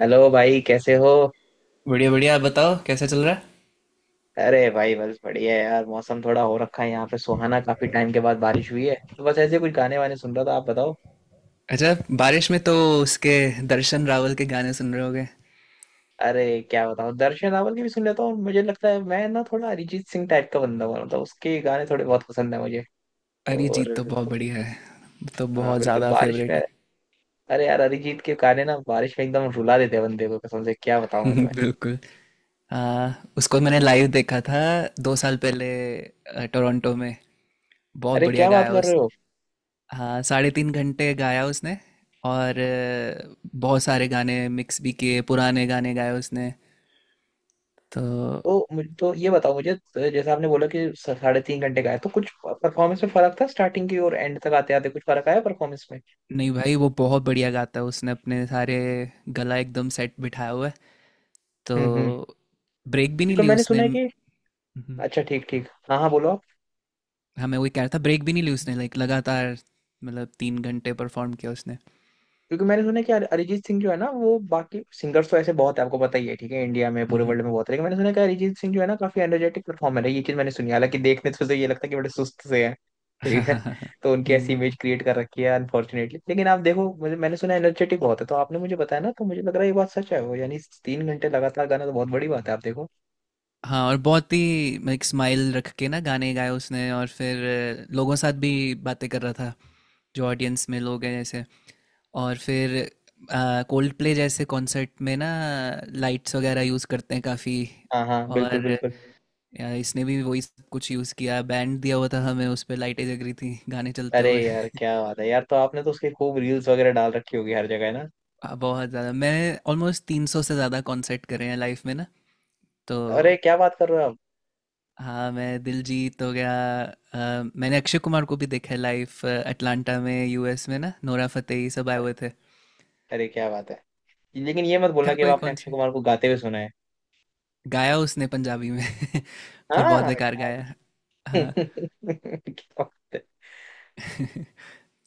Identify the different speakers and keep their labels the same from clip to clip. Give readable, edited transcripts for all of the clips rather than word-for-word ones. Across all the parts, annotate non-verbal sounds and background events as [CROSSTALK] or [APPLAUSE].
Speaker 1: Hello भाई, कैसे हो।
Speaker 2: बढ़िया बढ़िया, आप बताओ कैसा चल रहा है।
Speaker 1: अरे भाई, बस बढ़िया है यार। मौसम थोड़ा हो रखा है यहाँ पे सुहाना, काफी टाइम के बाद बारिश हुई है, तो बस ऐसे कुछ गाने वाने सुन रहा था। आप बताओ।
Speaker 2: अच्छा, बारिश में तो उसके दर्शन रावल के गाने सुन रहे होगे।
Speaker 1: अरे क्या बताऊँ, दर्शन रावल के भी सुन लेता हूँ, और मुझे लगता है मैं ना थोड़ा अरिजीत सिंह टाइप का बंदा हूँ। मतलब उसके गाने थोड़े बहुत पसंद है मुझे।
Speaker 2: अरिजीत
Speaker 1: और
Speaker 2: तो बहुत
Speaker 1: तो
Speaker 2: बढ़िया है। तो
Speaker 1: हाँ
Speaker 2: बहुत
Speaker 1: बिल्कुल,
Speaker 2: ज़्यादा
Speaker 1: बारिश
Speaker 2: फेवरेट
Speaker 1: में,
Speaker 2: है।
Speaker 1: अरे यार, अरिजीत के गाने ना बारिश में एकदम रुला देते हैं बंदे को, कसम से। क्या बताऊँ
Speaker 2: [LAUGHS]
Speaker 1: मैं तुम्हें।
Speaker 2: बिल्कुल। आ, उसको मैंने लाइव देखा था 2 साल पहले टोरंटो में। बहुत
Speaker 1: अरे
Speaker 2: बढ़िया
Speaker 1: क्या बात
Speaker 2: गाया
Speaker 1: कर रहे
Speaker 2: उसने।
Speaker 1: हो।
Speaker 2: हाँ, साढ़े 3 घंटे गाया उसने। और बहुत सारे गाने मिक्स भी किए, पुराने गाने गाए उसने तो।
Speaker 1: तो मुझे तो ये बताओ, मुझे तो जैसे आपने बोला कि 3.5 घंटे का है, तो कुछ परफॉर्मेंस में फर्क था? स्टार्टिंग की और एंड तक आते आते कुछ फर्क आया परफॉर्मेंस में?
Speaker 2: नहीं भाई, वो बहुत बढ़िया गाता है। उसने अपने सारे गला एकदम सेट बिठाया हुआ है तो।
Speaker 1: हम्म हम्म
Speaker 2: ब्रेक भी नहीं
Speaker 1: क्योंकि
Speaker 2: ली
Speaker 1: मैंने
Speaker 2: उसने।
Speaker 1: सुना है कि,
Speaker 2: हम्म,
Speaker 1: अच्छा ठीक ठीक, हाँ हाँ बोलो।
Speaker 2: हाँ, मैं वही कह रहा था, ब्रेक भी नहीं ली उसने। लाइक लगातार मतलब 3 घंटे परफॉर्म किया उसने।
Speaker 1: क्योंकि मैंने सुना है कि अरिजीत सिंह जो है ना, वो बाकी सिंगर्स तो ऐसे बहुत है, आपको पता ही है, ठीक है, इंडिया में, पूरे
Speaker 2: हम्म।
Speaker 1: वर्ल्ड में बहुत है। लेकिन मैंने सुना है कि अरिजीत सिंह जो है ना, काफी एनर्जेटिक परफॉर्मर है, ये चीज मैंने सुनी है। हालांकि देखने तो से तो ये लगता है कि बड़े सुस्त से है। ठीक है
Speaker 2: [LAUGHS]
Speaker 1: [LAUGHS] तो उनकी ऐसी
Speaker 2: हम्म,
Speaker 1: इमेज क्रिएट कर रखी है अनफॉर्चुनेटली। लेकिन आप देखो, मुझे, मैंने सुना एनर्जेटिक बहुत है, तो आपने मुझे बताया ना तो मुझे लग रहा है ये बात सच है वो, यानी 3 घंटे लगातार गाना तो बहुत बड़ी बात है, आप देखो।
Speaker 2: हाँ। और बहुत ही लाइक स्माइल रख के ना गाने गाए उसने। और फिर लोगों के साथ भी बातें कर रहा था, जो ऑडियंस में लोग हैं जैसे। और फिर कोल्ड प्ले जैसे कॉन्सर्ट में ना लाइट्स वगैरह यूज़ करते हैं काफ़ी।
Speaker 1: हाँ हाँ,
Speaker 2: और
Speaker 1: बिल्कुल बिल्कुल।
Speaker 2: यार इसने भी वही सब कुछ यूज़ किया, बैंड दिया हुआ था हमें, उस पे लाइटें जग रही थी, गाने चलते
Speaker 1: अरे
Speaker 2: हुए।
Speaker 1: यार
Speaker 2: [LAUGHS]
Speaker 1: क्या बात है यार। तो आपने तो उसके खूब रील्स वगैरह डाल रखी होगी हर जगह, है ना।
Speaker 2: बहुत ज़्यादा, मैं ऑलमोस्ट 300 से ज़्यादा कॉन्सर्ट करे हैं लाइफ में ना, तो।
Speaker 1: अरे क्या बात कर रहे हो आप।
Speaker 2: हाँ मैं दिलजीत हो गया। मैंने अक्षय कुमार को भी देखा है लाइव, अटलांटा में, यूएस में ना, नोरा फतेही सब आए हुए थे।
Speaker 1: अरे क्या बात है। लेकिन ये मत बोलना
Speaker 2: क्या
Speaker 1: कि अब
Speaker 2: कोई
Speaker 1: आपने अक्षय
Speaker 2: कॉन्सर्ट
Speaker 1: कुमार को गाते हुए सुना है।
Speaker 2: गाया उसने पंजाबी में। [LAUGHS] पर बहुत
Speaker 1: हाँ।
Speaker 2: बेकार
Speaker 1: यार
Speaker 2: गाया।
Speaker 1: [LAUGHS]
Speaker 2: हाँ।
Speaker 1: क्या बात है।
Speaker 2: [LAUGHS]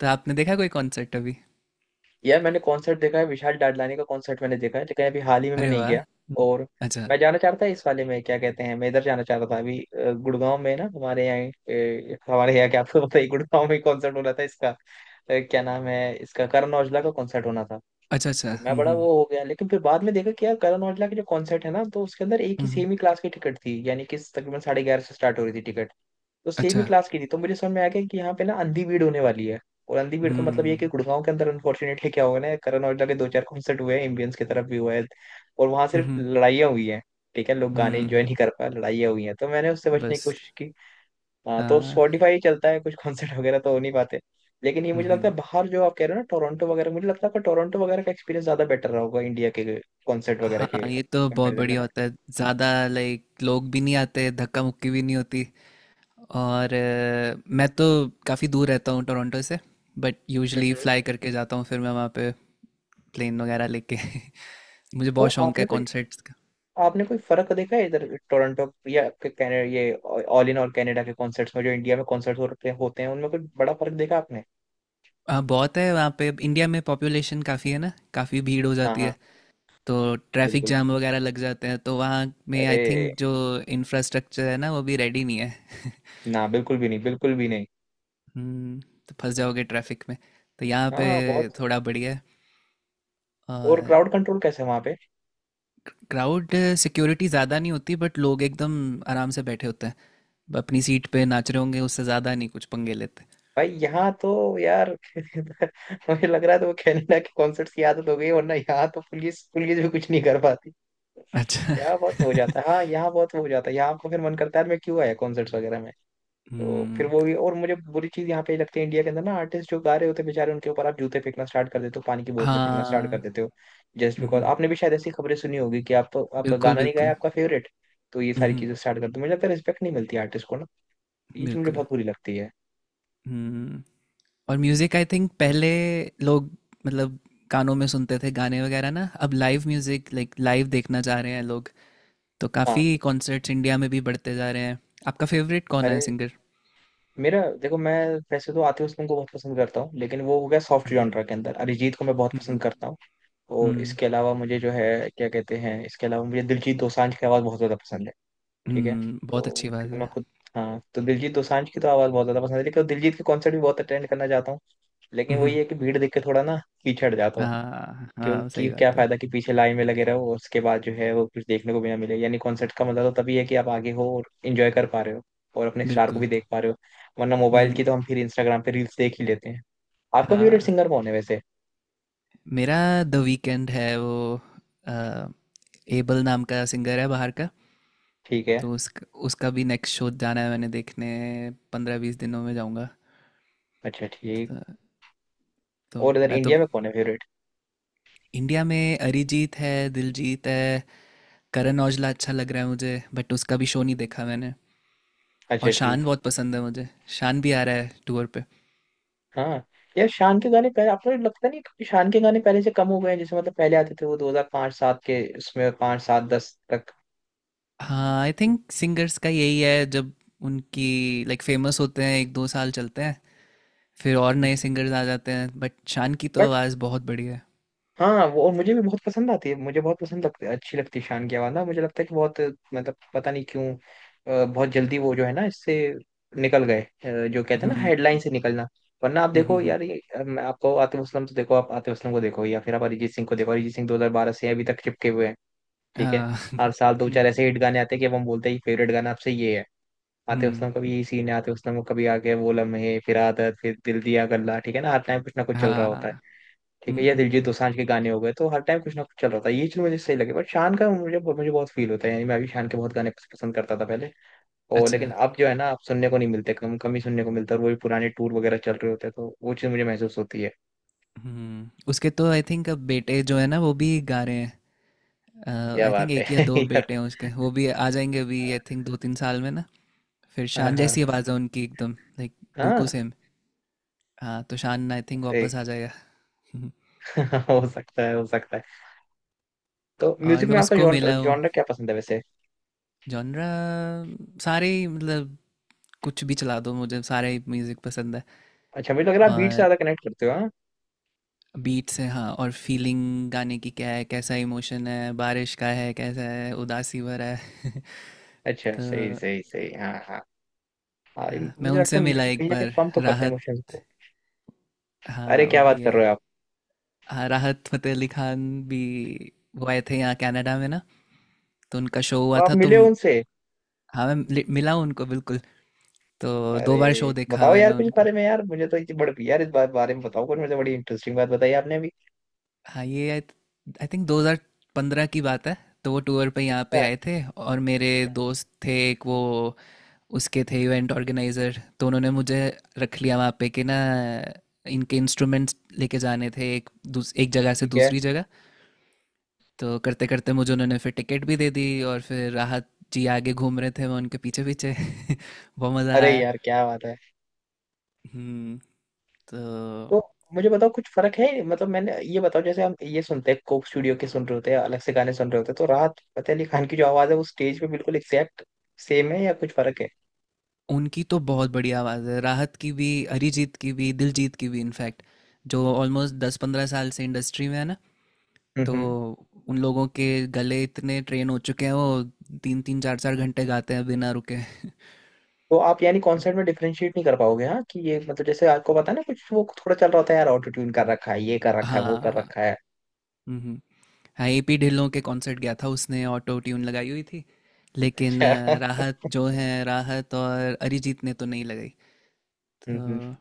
Speaker 2: तो आपने देखा कोई कॉन्सर्ट अभी।
Speaker 1: यार मैंने कॉन्सर्ट देखा है, विशाल डडलानी का कॉन्सर्ट मैंने देखा है, लेकिन अभी हाल ही में मैं
Speaker 2: अरे
Speaker 1: नहीं
Speaker 2: वाह।
Speaker 1: गया। और
Speaker 2: अच्छा।
Speaker 1: मैं जाना चाहता था इस वाले में, क्या कहते हैं, मैं इधर जाना चाहता था अभी, गुड़गांव में ना हमारे यहाँ, हमारे यहाँ, क्या आपको पता है गुड़गांव में कॉन्सर्ट हो रहा था इसका, क्या नाम है इसका, करण औजला का कॉन्सर्ट होना था।
Speaker 2: अच्छा अच्छा।
Speaker 1: तो मैं बड़ा वो हो गया, लेकिन फिर बाद में देखा कि यार करण औजला के जो कॉन्सर्ट है ना, तो उसके अंदर एक ही
Speaker 2: हम्म।
Speaker 1: सेम ही क्लास की टिकट थी, यानी कि तकरीबन साढ़े ग्यारह से स्टार्ट हो रही थी टिकट। तो सेम ही
Speaker 2: अच्छा।
Speaker 1: क्लास की थी, तो मुझे समझ में आ गया कि यहाँ पे ना अंधी भीड़ होने वाली है। और अंधी भीड़ का मतलब ये है कि
Speaker 2: हुँ।
Speaker 1: गुड़गांव के अंदर अनफॉर्चुनेटली क्या हुआ ना, करण औजला के दो चार कॉन्सर्ट हुए हैं, एम्बियंस की तरफ भी हुआ है, और वहां सिर्फ
Speaker 2: उहुँ,
Speaker 1: लड़ाइयाँ हुई हैं। ठीक है, लोग गाने
Speaker 2: हुँ।
Speaker 1: एंजॉय नहीं कर पाए, लड़ाइयाँ हुई हैं, तो मैंने उससे बचने की
Speaker 2: बस
Speaker 1: कोशिश की। हाँ,
Speaker 2: अ,
Speaker 1: तो स्पॉटिफाई चलता है, कुछ कॉन्सर्ट वगैरह तो हो नहीं पाते। लेकिन ये मुझे
Speaker 2: उहुँ।
Speaker 1: लगता है बाहर जो आप कह रहे हो ना, टोरंटो वगैरह, मुझे लगता है आपका टोरंटो वगैरह का एक्सपीरियंस ज्यादा बेटर रहा होगा इंडिया के कॉन्सर्ट वगैरह
Speaker 2: हाँ,
Speaker 1: के
Speaker 2: ये तो बहुत
Speaker 1: कंपेरिजन में
Speaker 2: बढ़िया
Speaker 1: ना।
Speaker 2: होता है। ज़्यादा लाइक लोग भी नहीं आते, धक्का-मुक्की भी नहीं होती। और मैं तो काफ़ी दूर रहता हूँ टोरंटो से, but
Speaker 1: hmm
Speaker 2: usually
Speaker 1: hmm.
Speaker 2: Fly करके जाता हूँ, फिर मैं वहाँ पे प्लेन वगैरह लेके। [LAUGHS] मुझे
Speaker 1: तो
Speaker 2: बहुत शौक
Speaker 1: आपने
Speaker 2: है
Speaker 1: कुछ,
Speaker 2: कॉन्सर्ट्स का।
Speaker 1: आपने कोई फर्क देखा है इधर टोरंटो या आपके कैनेडा ये ऑल इन और कनाडा के कॉन्सर्ट्स में जो इंडिया में कॉन्सर्ट्स होते होते हैं, उनमें कोई बड़ा फर्क देखा आपने।
Speaker 2: हाँ, बहुत है वहाँ पे। इंडिया में पॉपुलेशन काफ़ी है ना, काफ़ी भीड़ हो
Speaker 1: हाँ
Speaker 2: जाती
Speaker 1: हाँ,
Speaker 2: है। तो ट्रैफिक
Speaker 1: बिल्कुल।
Speaker 2: जाम वगैरह लग जाते हैं, तो वहाँ में
Speaker 1: अरे
Speaker 2: आई थिंक जो इंफ्रास्ट्रक्चर है ना, वो भी रेडी नहीं है। [LAUGHS]
Speaker 1: ना, बिल्कुल भी नहीं, बिल्कुल भी नहीं।
Speaker 2: हम्म, तो फंस जाओगे ट्रैफिक में। तो यहाँ पे
Speaker 1: हाँ [LAUGHS] बहुत।
Speaker 2: थोड़ा बढ़िया है।
Speaker 1: और
Speaker 2: और
Speaker 1: क्राउड कंट्रोल कैसे है वहां पे।
Speaker 2: क्राउड सिक्योरिटी ज़्यादा नहीं होती, बट लोग एकदम आराम से बैठे होते हैं, अपनी सीट पे नाच रहे होंगे, उससे ज़्यादा नहीं कुछ पंगे लेते।
Speaker 1: भाई यहाँ तो, यार [LAUGHS] मुझे लग रहा है तो वो कनाडा के कॉन्सर्ट्स की आदत हो गई, वरना यहाँ तो पुलिस पुलिस भी कुछ नहीं कर पाती।
Speaker 2: अच्छा।
Speaker 1: यहाँ बहुत हो जाता है,
Speaker 2: [LAUGHS]
Speaker 1: हाँ यहाँ बहुत हो जाता है, यहाँ आपको फिर मन करता है यार मैं क्यों आया कॉन्सर्ट्स वगैरह में। तो फिर
Speaker 2: हम्म।
Speaker 1: वो भी, और मुझे बुरी चीज यहाँ पे लगती है इंडिया के अंदर ना, आर्टिस्ट जो गा रहे होते हैं बेचारे, उनके ऊपर आप जूते फेंकना स्टार्ट कर देते हो, पानी की बोतलें फेंकना स्टार्ट
Speaker 2: हाँ।
Speaker 1: कर देते हो, जस्ट बिकॉज,
Speaker 2: हम्म।
Speaker 1: आपने भी शायद ऐसी खबरें सुनी होगी कि आप, आपका
Speaker 2: बिल्कुल
Speaker 1: गाना नहीं गाया
Speaker 2: बिल्कुल।
Speaker 1: आपका फेवरेट। तो ये सारी
Speaker 2: हम्म।
Speaker 1: चीजें स्टार्ट कर दो, मुझे लगता है रिस्पेक्ट नहीं मिलती आर्टिस्ट को ना। ये चीज मुझे
Speaker 2: बिल्कुल।
Speaker 1: बहुत बुरी लगती है।
Speaker 2: हम्म। और म्यूजिक आई थिंक पहले लोग मतलब कानों में सुनते थे गाने वगैरह ना, अब लाइव म्यूजिक लाइक लाइव देखना चाह रहे हैं लोग। तो
Speaker 1: हाँ।
Speaker 2: काफी कॉन्सर्ट्स इंडिया में भी बढ़ते जा रहे हैं। आपका फेवरेट कौन है
Speaker 1: अरे
Speaker 2: सिंगर।
Speaker 1: मेरा देखो, मैं वैसे तो आतिफ असलम को बहुत पसंद करता हूँ, लेकिन वो हो गया सॉफ्ट
Speaker 2: हम्म।
Speaker 1: जॉनरा के अंदर, अरिजीत को मैं बहुत
Speaker 2: हम्म,
Speaker 1: पसंद करता हूँ। और
Speaker 2: हम्म,
Speaker 1: इसके अलावा मुझे जो है, क्या कहते हैं, इसके अलावा मुझे दिलजीत दोसांझ की आवाज़ बहुत ज़्यादा पसंद है। ठीक है।
Speaker 2: बहुत
Speaker 1: तो
Speaker 2: अच्छी बात
Speaker 1: क्योंकि
Speaker 2: है।
Speaker 1: मैं खुद, हाँ तो दिलजीत दोसांझ की तो आवाज़ बहुत ज़्यादा पसंद है, लेकिन दिलजीत के कॉन्सर्ट भी बहुत अटेंड करना चाहता हूँ। लेकिन वही
Speaker 2: हम्म,
Speaker 1: है कि भीड़ देख के थोड़ा ना पीछे हट जाता हूँ।
Speaker 2: हाँ हाँ
Speaker 1: क्योंकि
Speaker 2: सही
Speaker 1: क्या
Speaker 2: बात है।
Speaker 1: फ़ायदा कि पीछे लाइन में लगे रहो और उसके बाद जो है वो कुछ देखने को भी ना मिले। यानी कॉन्सर्ट का मतलब तो तभी है कि आप आगे हो और इन्जॉय कर पा रहे हो, और अपने स्टार को
Speaker 2: बिल्कुल।
Speaker 1: भी देख पा रहे हो। वरना मोबाइल की
Speaker 2: हम्म,
Speaker 1: तो हम फिर इंस्टाग्राम पे रील्स देख ही लेते हैं। आपका फेवरेट सिंगर
Speaker 2: हाँ।
Speaker 1: कौन है वैसे।
Speaker 2: मेरा द वीकेंड है, वो एबल नाम का सिंगर है बाहर का।
Speaker 1: ठीक है।
Speaker 2: तो उसका उसका भी नेक्स्ट शो जाना है मैंने देखने, 15-20 दिनों में जाऊंगा।
Speaker 1: अच्छा ठीक।
Speaker 2: तो, तो
Speaker 1: और इधर
Speaker 2: मैं तो,
Speaker 1: इंडिया में कौन है फेवरेट।
Speaker 2: इंडिया में अरिजीत है, दिलजीत है। करण औजला अच्छा लग रहा है मुझे, बट उसका भी शो नहीं देखा मैंने।
Speaker 1: अच्छा
Speaker 2: और
Speaker 1: ठीक।
Speaker 2: शान बहुत पसंद है मुझे। शान भी आ रहा है टूर पे।
Speaker 1: हाँ यार शान के गाने पहले, आपको लगता नहीं कि शान के गाने पहले से कम हो गए हैं। जैसे मतलब पहले आते थे वो 2005 सात के, उसमें 5 सात 10 तक।
Speaker 2: हाँ आई थिंक सिंगर्स का यही है, जब उनकी लाइक फेमस होते हैं 1-2 साल चलते हैं, फिर और नए
Speaker 1: हम्म।
Speaker 2: सिंगर्स आ जाते हैं। बट शान की तो
Speaker 1: बट
Speaker 2: आवाज़ बहुत बढ़िया है।
Speaker 1: हाँ वो, और मुझे भी बहुत पसंद आती है, मुझे बहुत पसंद लगती है, अच्छी लगती है शान की आवाज़ ना। मुझे लगता है कि बहुत, मतलब पता नहीं क्यों, बहुत जल्दी वो जो है ना इससे निकल गए, जो कहते हैं ना हेडलाइन
Speaker 2: हम्म
Speaker 1: से निकलना। वरना आप
Speaker 2: हम्म
Speaker 1: देखो
Speaker 2: हम्म
Speaker 1: यार ये, आपको आतिफ असलम तो देखो, आप आतिफ असलम को देखो या फिर आप अरिजीत सिंह को देखो, अरिजीत सिंह 2012 से अभी तक चिपके हुए हैं।
Speaker 2: हम्म,
Speaker 1: ठीक है।
Speaker 2: आ,
Speaker 1: हर
Speaker 2: [LAUGHS]
Speaker 1: साल दो चार
Speaker 2: हम्म
Speaker 1: ऐसे हिट गाने आते हैं कि अब हम बोलते हैं फेवरेट गाना आपसे ये है। आतिफ असलम का भी
Speaker 2: हम्म,
Speaker 1: यही सीन है, आतिफ असलम को कभी आके वो लम्हे, फिर आदत, फिर दिल दिया गल्ला, ठीक है ना, हर टाइम कुछ ना कुछ चल रहा होता है।
Speaker 2: हाँ।
Speaker 1: ठीक है। या
Speaker 2: हम्म।
Speaker 1: दिलजीत दोसांझ के गाने हो गए, तो हर टाइम कुछ ना कुछ चल रहा होता है, ये चीज मुझे सही लगे। बट शान का मुझे, बहुत फील होता है। यानी मैं भी शान के बहुत गाने पसंद करता था पहले। और
Speaker 2: अच्छा।
Speaker 1: लेकिन अब जो है ना, अब सुनने को नहीं मिलते, कम कम ही सुनने को मिलता है, और वो भी पुराने टूर वगैरह चल रहे होते हैं, तो वो चीज मुझे महसूस होती है।
Speaker 2: हम्म, उसके तो आई थिंक अब बेटे जो है ना, वो भी गा रहे हैं।
Speaker 1: क्या
Speaker 2: आई थिंक
Speaker 1: बात
Speaker 2: एक या
Speaker 1: है [LAUGHS]
Speaker 2: दो
Speaker 1: यार।
Speaker 2: बेटे हैं उसके, वो भी आ जाएंगे अभी आई थिंक 2-3 साल में ना। फिर
Speaker 1: हाँ
Speaker 2: शान
Speaker 1: हाँ
Speaker 2: जैसी आवाज़ है उनकी एकदम लाइक
Speaker 1: हाँ,
Speaker 2: बिल्कुल सेम। हाँ तो शान आई थिंक
Speaker 1: एक
Speaker 2: वापस आ जाएगा।
Speaker 1: [LAUGHS] हो सकता है, हो सकता है। तो
Speaker 2: [LAUGHS] और
Speaker 1: म्यूजिक
Speaker 2: मैं
Speaker 1: में आपका
Speaker 2: उसको मिला हूँ।
Speaker 1: जॉनर क्या पसंद है वैसे।
Speaker 2: जॉनरा सारे ही, मतलब कुछ भी चला दो मुझे, सारे ही म्यूज़िक पसंद है।
Speaker 1: अच्छा मुझे लग रहा है आप बीट से
Speaker 2: और
Speaker 1: ज्यादा कनेक्ट करते हो, हाँ।
Speaker 2: बीट्स है हाँ, और फीलिंग गाने की क्या है, कैसा इमोशन है, बारिश का है, कैसा है उदासी भरा है।
Speaker 1: अच्छा
Speaker 2: [LAUGHS] तो
Speaker 1: सही सही सही, हाँ हाँ। हाँ ये
Speaker 2: मैं
Speaker 1: मुझे लगता
Speaker 2: उनसे
Speaker 1: है
Speaker 2: मिला
Speaker 1: म्यूजिक
Speaker 2: एक
Speaker 1: कहीं ना कहीं
Speaker 2: बार,
Speaker 1: पंप तो करता है
Speaker 2: राहत।
Speaker 1: इमोशंस को। अरे
Speaker 2: हाँ वो
Speaker 1: क्या बात
Speaker 2: भी
Speaker 1: कर
Speaker 2: है।
Speaker 1: रहे हो आप।
Speaker 2: हाँ, राहत फतेह अली खान भी, वो आए थे यहाँ कनाडा में ना, तो उनका शो
Speaker 1: तो
Speaker 2: हुआ
Speaker 1: आप
Speaker 2: था तो
Speaker 1: मिले हो उनसे।
Speaker 2: हाँ मैं मिला हूँ उनको बिल्कुल। तो दो बार शो
Speaker 1: अरे
Speaker 2: देखा
Speaker 1: बताओ
Speaker 2: मैंने
Speaker 1: यार कुछ इस
Speaker 2: उनका।
Speaker 1: बारे में, यार मुझे तो इतनी बड़ी, यार इस बारे में बताओ कुछ, मुझे बड़ी इंटरेस्टिंग बात बताई आपने अभी।
Speaker 2: हाँ ये आई थिंक 2015 की बात है। तो वो टूर पे यहाँ पे
Speaker 1: हाँ,
Speaker 2: आए थे, और मेरे दोस्त थे एक, वो उसके थे इवेंट ऑर्गेनाइजर, तो उन्होंने मुझे रख लिया वहाँ पे कि ना, इनके इंस्ट्रूमेंट्स लेके जाने थे एक जगह से
Speaker 1: ठीक है।
Speaker 2: दूसरी जगह। तो करते करते मुझे उन्होंने फिर टिकट भी दे दी, और फिर राहत जी आगे घूम रहे थे, मैं उनके पीछे पीछे। [LAUGHS] बहुत मज़ा
Speaker 1: अरे
Speaker 2: आया।
Speaker 1: यार क्या बात है।
Speaker 2: हम्म। तो
Speaker 1: तो मुझे बताओ कुछ फर्क है, मतलब मैंने ये बताओ, जैसे हम ये सुनते हैं कोक स्टूडियो के सुन रहे होते हैं, अलग से गाने सुन रहे होते हैं, तो राहत फतेह अली खान की जो आवाज है वो स्टेज पे बिल्कुल एग्जैक्ट सेम है या कुछ फर्क है।
Speaker 2: उनकी तो बहुत बढ़िया आवाज़ है, राहत की भी, अरिजीत की भी, दिलजीत की भी। इनफैक्ट जो ऑलमोस्ट 10-15 साल से इंडस्ट्री में है ना,
Speaker 1: हम्म
Speaker 2: तो
Speaker 1: हम्म।
Speaker 2: उन लोगों के गले इतने ट्रेन हो चुके हैं, वो तीन तीन चार चार घंटे गाते हैं बिना रुके।
Speaker 1: तो आप यानी कॉन्सर्ट में
Speaker 2: [LAUGHS]
Speaker 1: डिफरेंशिएट नहीं कर पाओगे, हाँ, कि ये मतलब, जैसे आपको पता है ना कुछ वो थोड़ा चल रहा होता है यार, ऑटो ट्यून कर रखा है, ये कर रखा है, वो कर
Speaker 2: हाँ।
Speaker 1: रखा है।
Speaker 2: हाँ एपी ढिल्लों के कॉन्सर्ट गया था, उसने ऑटो ट्यून लगाई हुई थी। लेकिन
Speaker 1: अच्छा।
Speaker 2: राहत जो है, राहत और अरिजीत ने तो नहीं लगाई
Speaker 1: हम्म हम्म।
Speaker 2: तो।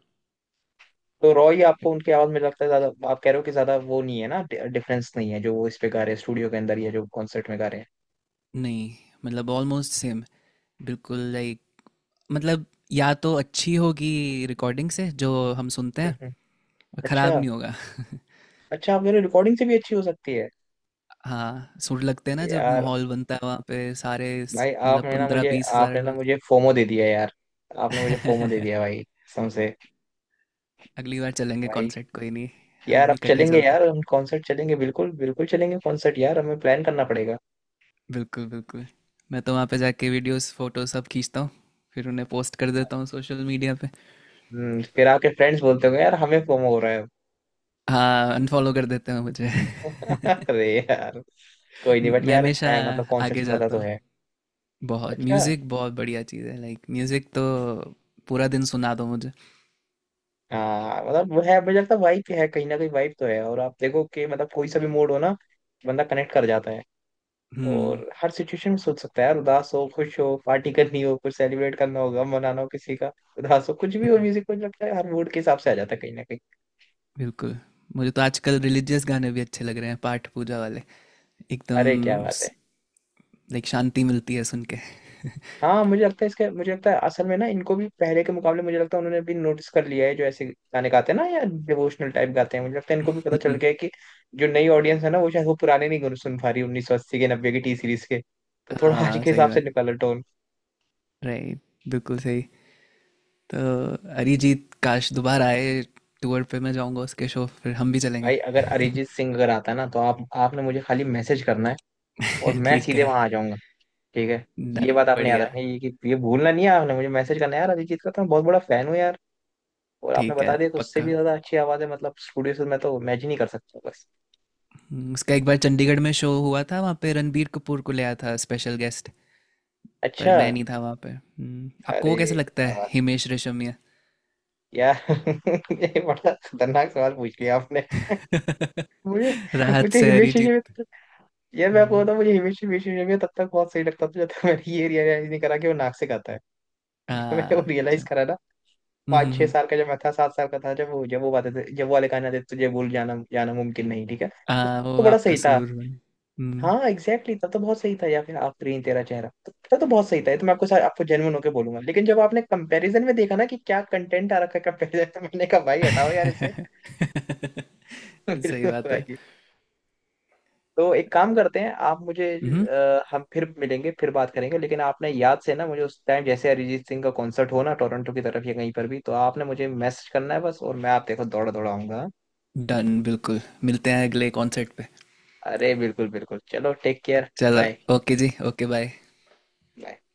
Speaker 1: तो रॉय,
Speaker 2: but
Speaker 1: आपको उनकी आवाज में लगता है ज्यादा, आप कह रहे हो कि ज्यादा वो नहीं है ना, डिफरेंस नहीं है जो वो इस पे गा रहे हैं स्टूडियो के अंदर या जो कॉन्सर्ट में गा रहे हैं।
Speaker 2: नहीं, मतलब ऑलमोस्ट सेम, बिल्कुल लाइक, मतलब या तो अच्छी होगी रिकॉर्डिंग से, जो हम सुनते
Speaker 1: हम्म हम्म।
Speaker 2: हैं खराब
Speaker 1: अच्छा।
Speaker 2: नहीं होगा।
Speaker 1: अच्छा आप कह रहे हो रिकॉर्डिंग से भी अच्छी हो सकती है।
Speaker 2: [LAUGHS] हाँ, सुर लगते हैं ना जब
Speaker 1: यार,
Speaker 2: माहौल बनता है वहाँ पे सारे,
Speaker 1: भाई
Speaker 2: मतलब
Speaker 1: आपने ना
Speaker 2: पंद्रह
Speaker 1: मुझे,
Speaker 2: बीस हजार
Speaker 1: आपने ना
Speaker 2: लोग।
Speaker 1: मुझे फोमो दे दिया यार। आपने मुझे फोमो दे दिया
Speaker 2: [LAUGHS]
Speaker 1: भाई, कसम से।
Speaker 2: अगली बार चलेंगे
Speaker 1: भाई,
Speaker 2: कॉन्सर्ट, कोई नहीं,
Speaker 1: यार
Speaker 2: हम
Speaker 1: अब
Speaker 2: इकट्ठे
Speaker 1: चलेंगे
Speaker 2: चलते
Speaker 1: यार,
Speaker 2: हैं,
Speaker 1: हम कॉन्सर्ट चलेंगे, बिल्कुल बिल्कुल चलेंगे कॉन्सर्ट यार, हमें प्लान करना पड़ेगा।
Speaker 2: बिल्कुल बिल्कुल। मैं तो वहाँ पे जाके वीडियोस फोटो सब खींचता हूँ, फिर उन्हें पोस्ट कर देता हूँ सोशल मीडिया पे।
Speaker 1: हम्म, फिर आपके फ्रेंड्स बोलते होंगे यार हमें फोमो हो रहा है।
Speaker 2: हाँ अनफॉलो कर देते हैं मुझे।
Speaker 1: [LAUGHS]
Speaker 2: [LAUGHS]
Speaker 1: अरे यार। कोई नहीं, बट
Speaker 2: मैं
Speaker 1: यार
Speaker 2: हमेशा
Speaker 1: है, मतलब कॉन्सर्ट
Speaker 2: आगे
Speaker 1: में मजा
Speaker 2: जाता
Speaker 1: तो
Speaker 2: हूँ।
Speaker 1: है।
Speaker 2: बहुत
Speaker 1: अच्छा।
Speaker 2: म्यूज़िक बहुत बढ़िया चीज़ है लाइक, म्यूज़िक तो पूरा दिन सुना दो मुझे।
Speaker 1: हाँ मतलब वो है, मुझे लगता है वाइब है कहीं ना कहीं, वाइब तो है। और आप देखो कि मतलब कोई सा भी मूड हो ना, बंदा कनेक्ट कर जाता है।
Speaker 2: हम्म
Speaker 1: और हर सिचुएशन में सोच सकता है यार, उदास हो, खुश हो, पार्टी करनी हो, कुछ सेलिब्रेट करना हो, गम मनाना हो किसी का, उदास हो, कुछ भी हो,
Speaker 2: हम्म,
Speaker 1: म्यूजिक मुझे लगता है हर मूड के हिसाब से आ जाता है कहीं ना कहीं।
Speaker 2: बिल्कुल। मुझे तो आजकल रिलीजियस गाने भी अच्छे लग रहे हैं, पाठ पूजा वाले, एकदम
Speaker 1: अरे क्या बात है।
Speaker 2: लाइक शांति मिलती है सुन के। [LAUGHS]
Speaker 1: हाँ मुझे लगता है इसके, मुझे लगता है असल में ना, इनको भी पहले के मुकाबले मुझे लगता है उन्होंने भी नोटिस कर लिया है, जो ऐसे गाने गाते हैं ना, या डिवोशनल टाइप गाते हैं, मुझे लगता है इनको भी पता चल
Speaker 2: हम्म,
Speaker 1: गया है कि जो नई ऑडियंस है ना, वो शायद वो पुराने नहीं सुन पा रही, 1980 के, 90 के, टी सीरीज के। तो थोड़ा [LAUGHS] आज
Speaker 2: हाँ
Speaker 1: के
Speaker 2: सही
Speaker 1: हिसाब से
Speaker 2: बात।
Speaker 1: निकालो टोन।
Speaker 2: राइट। बिल्कुल सही। तो अरिजीत काश दोबारा आए टूर पे, मैं जाऊंगा उसके शो, फिर हम भी चलेंगे।
Speaker 1: भाई अगर अरिजीत सिंह अगर आता है ना, तो आप, आपने मुझे खाली मैसेज करना है और
Speaker 2: [LAUGHS]
Speaker 1: मैं
Speaker 2: ठीक
Speaker 1: सीधे
Speaker 2: है।
Speaker 1: वहां आ जाऊंगा। ठीक है। ये बात
Speaker 2: डन
Speaker 1: आपने याद
Speaker 2: बढ़िया।
Speaker 1: रखनी है, ये कि ये भूलना नहीं है, आपने मुझे मैसेज करना है यार, अरिजीत का तो मैं बहुत बड़ा फैन हूँ यार। और आपने
Speaker 2: ठीक है
Speaker 1: बता दिया कि उससे भी
Speaker 2: पक्का।
Speaker 1: ज्यादा अच्छी आवाज है मतलब स्टूडियो से, मैं तो इमेजिन ही कर सकता हूँ।
Speaker 2: उसका एक बार चंडीगढ़ में शो हुआ था, वहाँ पे रणबीर कपूर को ले आया था स्पेशल गेस्ट। पर
Speaker 1: अच्छा।
Speaker 2: मैं नहीं था वहाँ पे। आपको
Speaker 1: अरे
Speaker 2: वो कैसा लगता है
Speaker 1: यार।
Speaker 2: हिमेश रेशमिया।
Speaker 1: यार [LAUGHS] ये बड़ा खतरनाक सवाल पूछ लिया आपने। मुझे
Speaker 2: [LAUGHS] राहत
Speaker 1: मुझे
Speaker 2: से
Speaker 1: हिमेश
Speaker 2: अरिजीत।
Speaker 1: रेशमिया, यार मैं आपको
Speaker 2: हम्म,
Speaker 1: बताऊं, मुझे हिमेश हिमेश रेशमिया तब तक बहुत सही लगता था जब तक मैंने ये रियलाइज नहीं करा कि वो नाक से गाता है। जब मैंने वो
Speaker 2: हाँ
Speaker 1: रियलाइज
Speaker 2: अच्छा।
Speaker 1: करा ना,
Speaker 2: हम्म
Speaker 1: पाँच
Speaker 2: हम्म,
Speaker 1: छह
Speaker 2: हम्म,
Speaker 1: साल का जब मैं था, 7 साल का था जब वो, जब वो गाते थे, जब वो वाले गाने आते थे, तुझे भूल जाना जाना मुमकिन नहीं, ठीक है
Speaker 2: हाँ
Speaker 1: तो
Speaker 2: वो
Speaker 1: बड़ा
Speaker 2: आपका
Speaker 1: सही था।
Speaker 2: सुर बने।
Speaker 1: हाँ
Speaker 2: हम्म,
Speaker 1: एग्जैक्टली exactly, तब तो बहुत सही था, या फिर आफरीन तेरा चेहरा, तो तब तो बहुत सही था, ये तो मैं आपको सारे आपको जेन्युइन होकर बोलूंगा। लेकिन जब आपने कंपैरिजन में देखा ना कि क्या कंटेंट आ रखा है कंपैरिजन, तो मैंने कहा भाई हटाओ यार इसे।
Speaker 2: [LAUGHS]
Speaker 1: [LAUGHS]
Speaker 2: सही
Speaker 1: बिल्कुल
Speaker 2: बात है।
Speaker 1: भाई। तो एक काम करते हैं, आप मुझे,
Speaker 2: हम्म।
Speaker 1: हम फिर मिलेंगे, फिर बात करेंगे, लेकिन आपने याद से ना मुझे, उस टाइम जैसे अरिजीत सिंह का कॉन्सर्ट हो ना टोरंटो की तरफ या कहीं पर भी, तो आपने मुझे मैसेज करना है बस, और मैं, आप देखो, दौड़ा दौड़ा आऊंगा।
Speaker 2: डन बिल्कुल, मिलते हैं अगले कॉन्सर्ट पे।
Speaker 1: अरे बिल्कुल बिल्कुल, चलो टेक केयर।
Speaker 2: चलो। ओके जी, ओके बाय।
Speaker 1: बाय।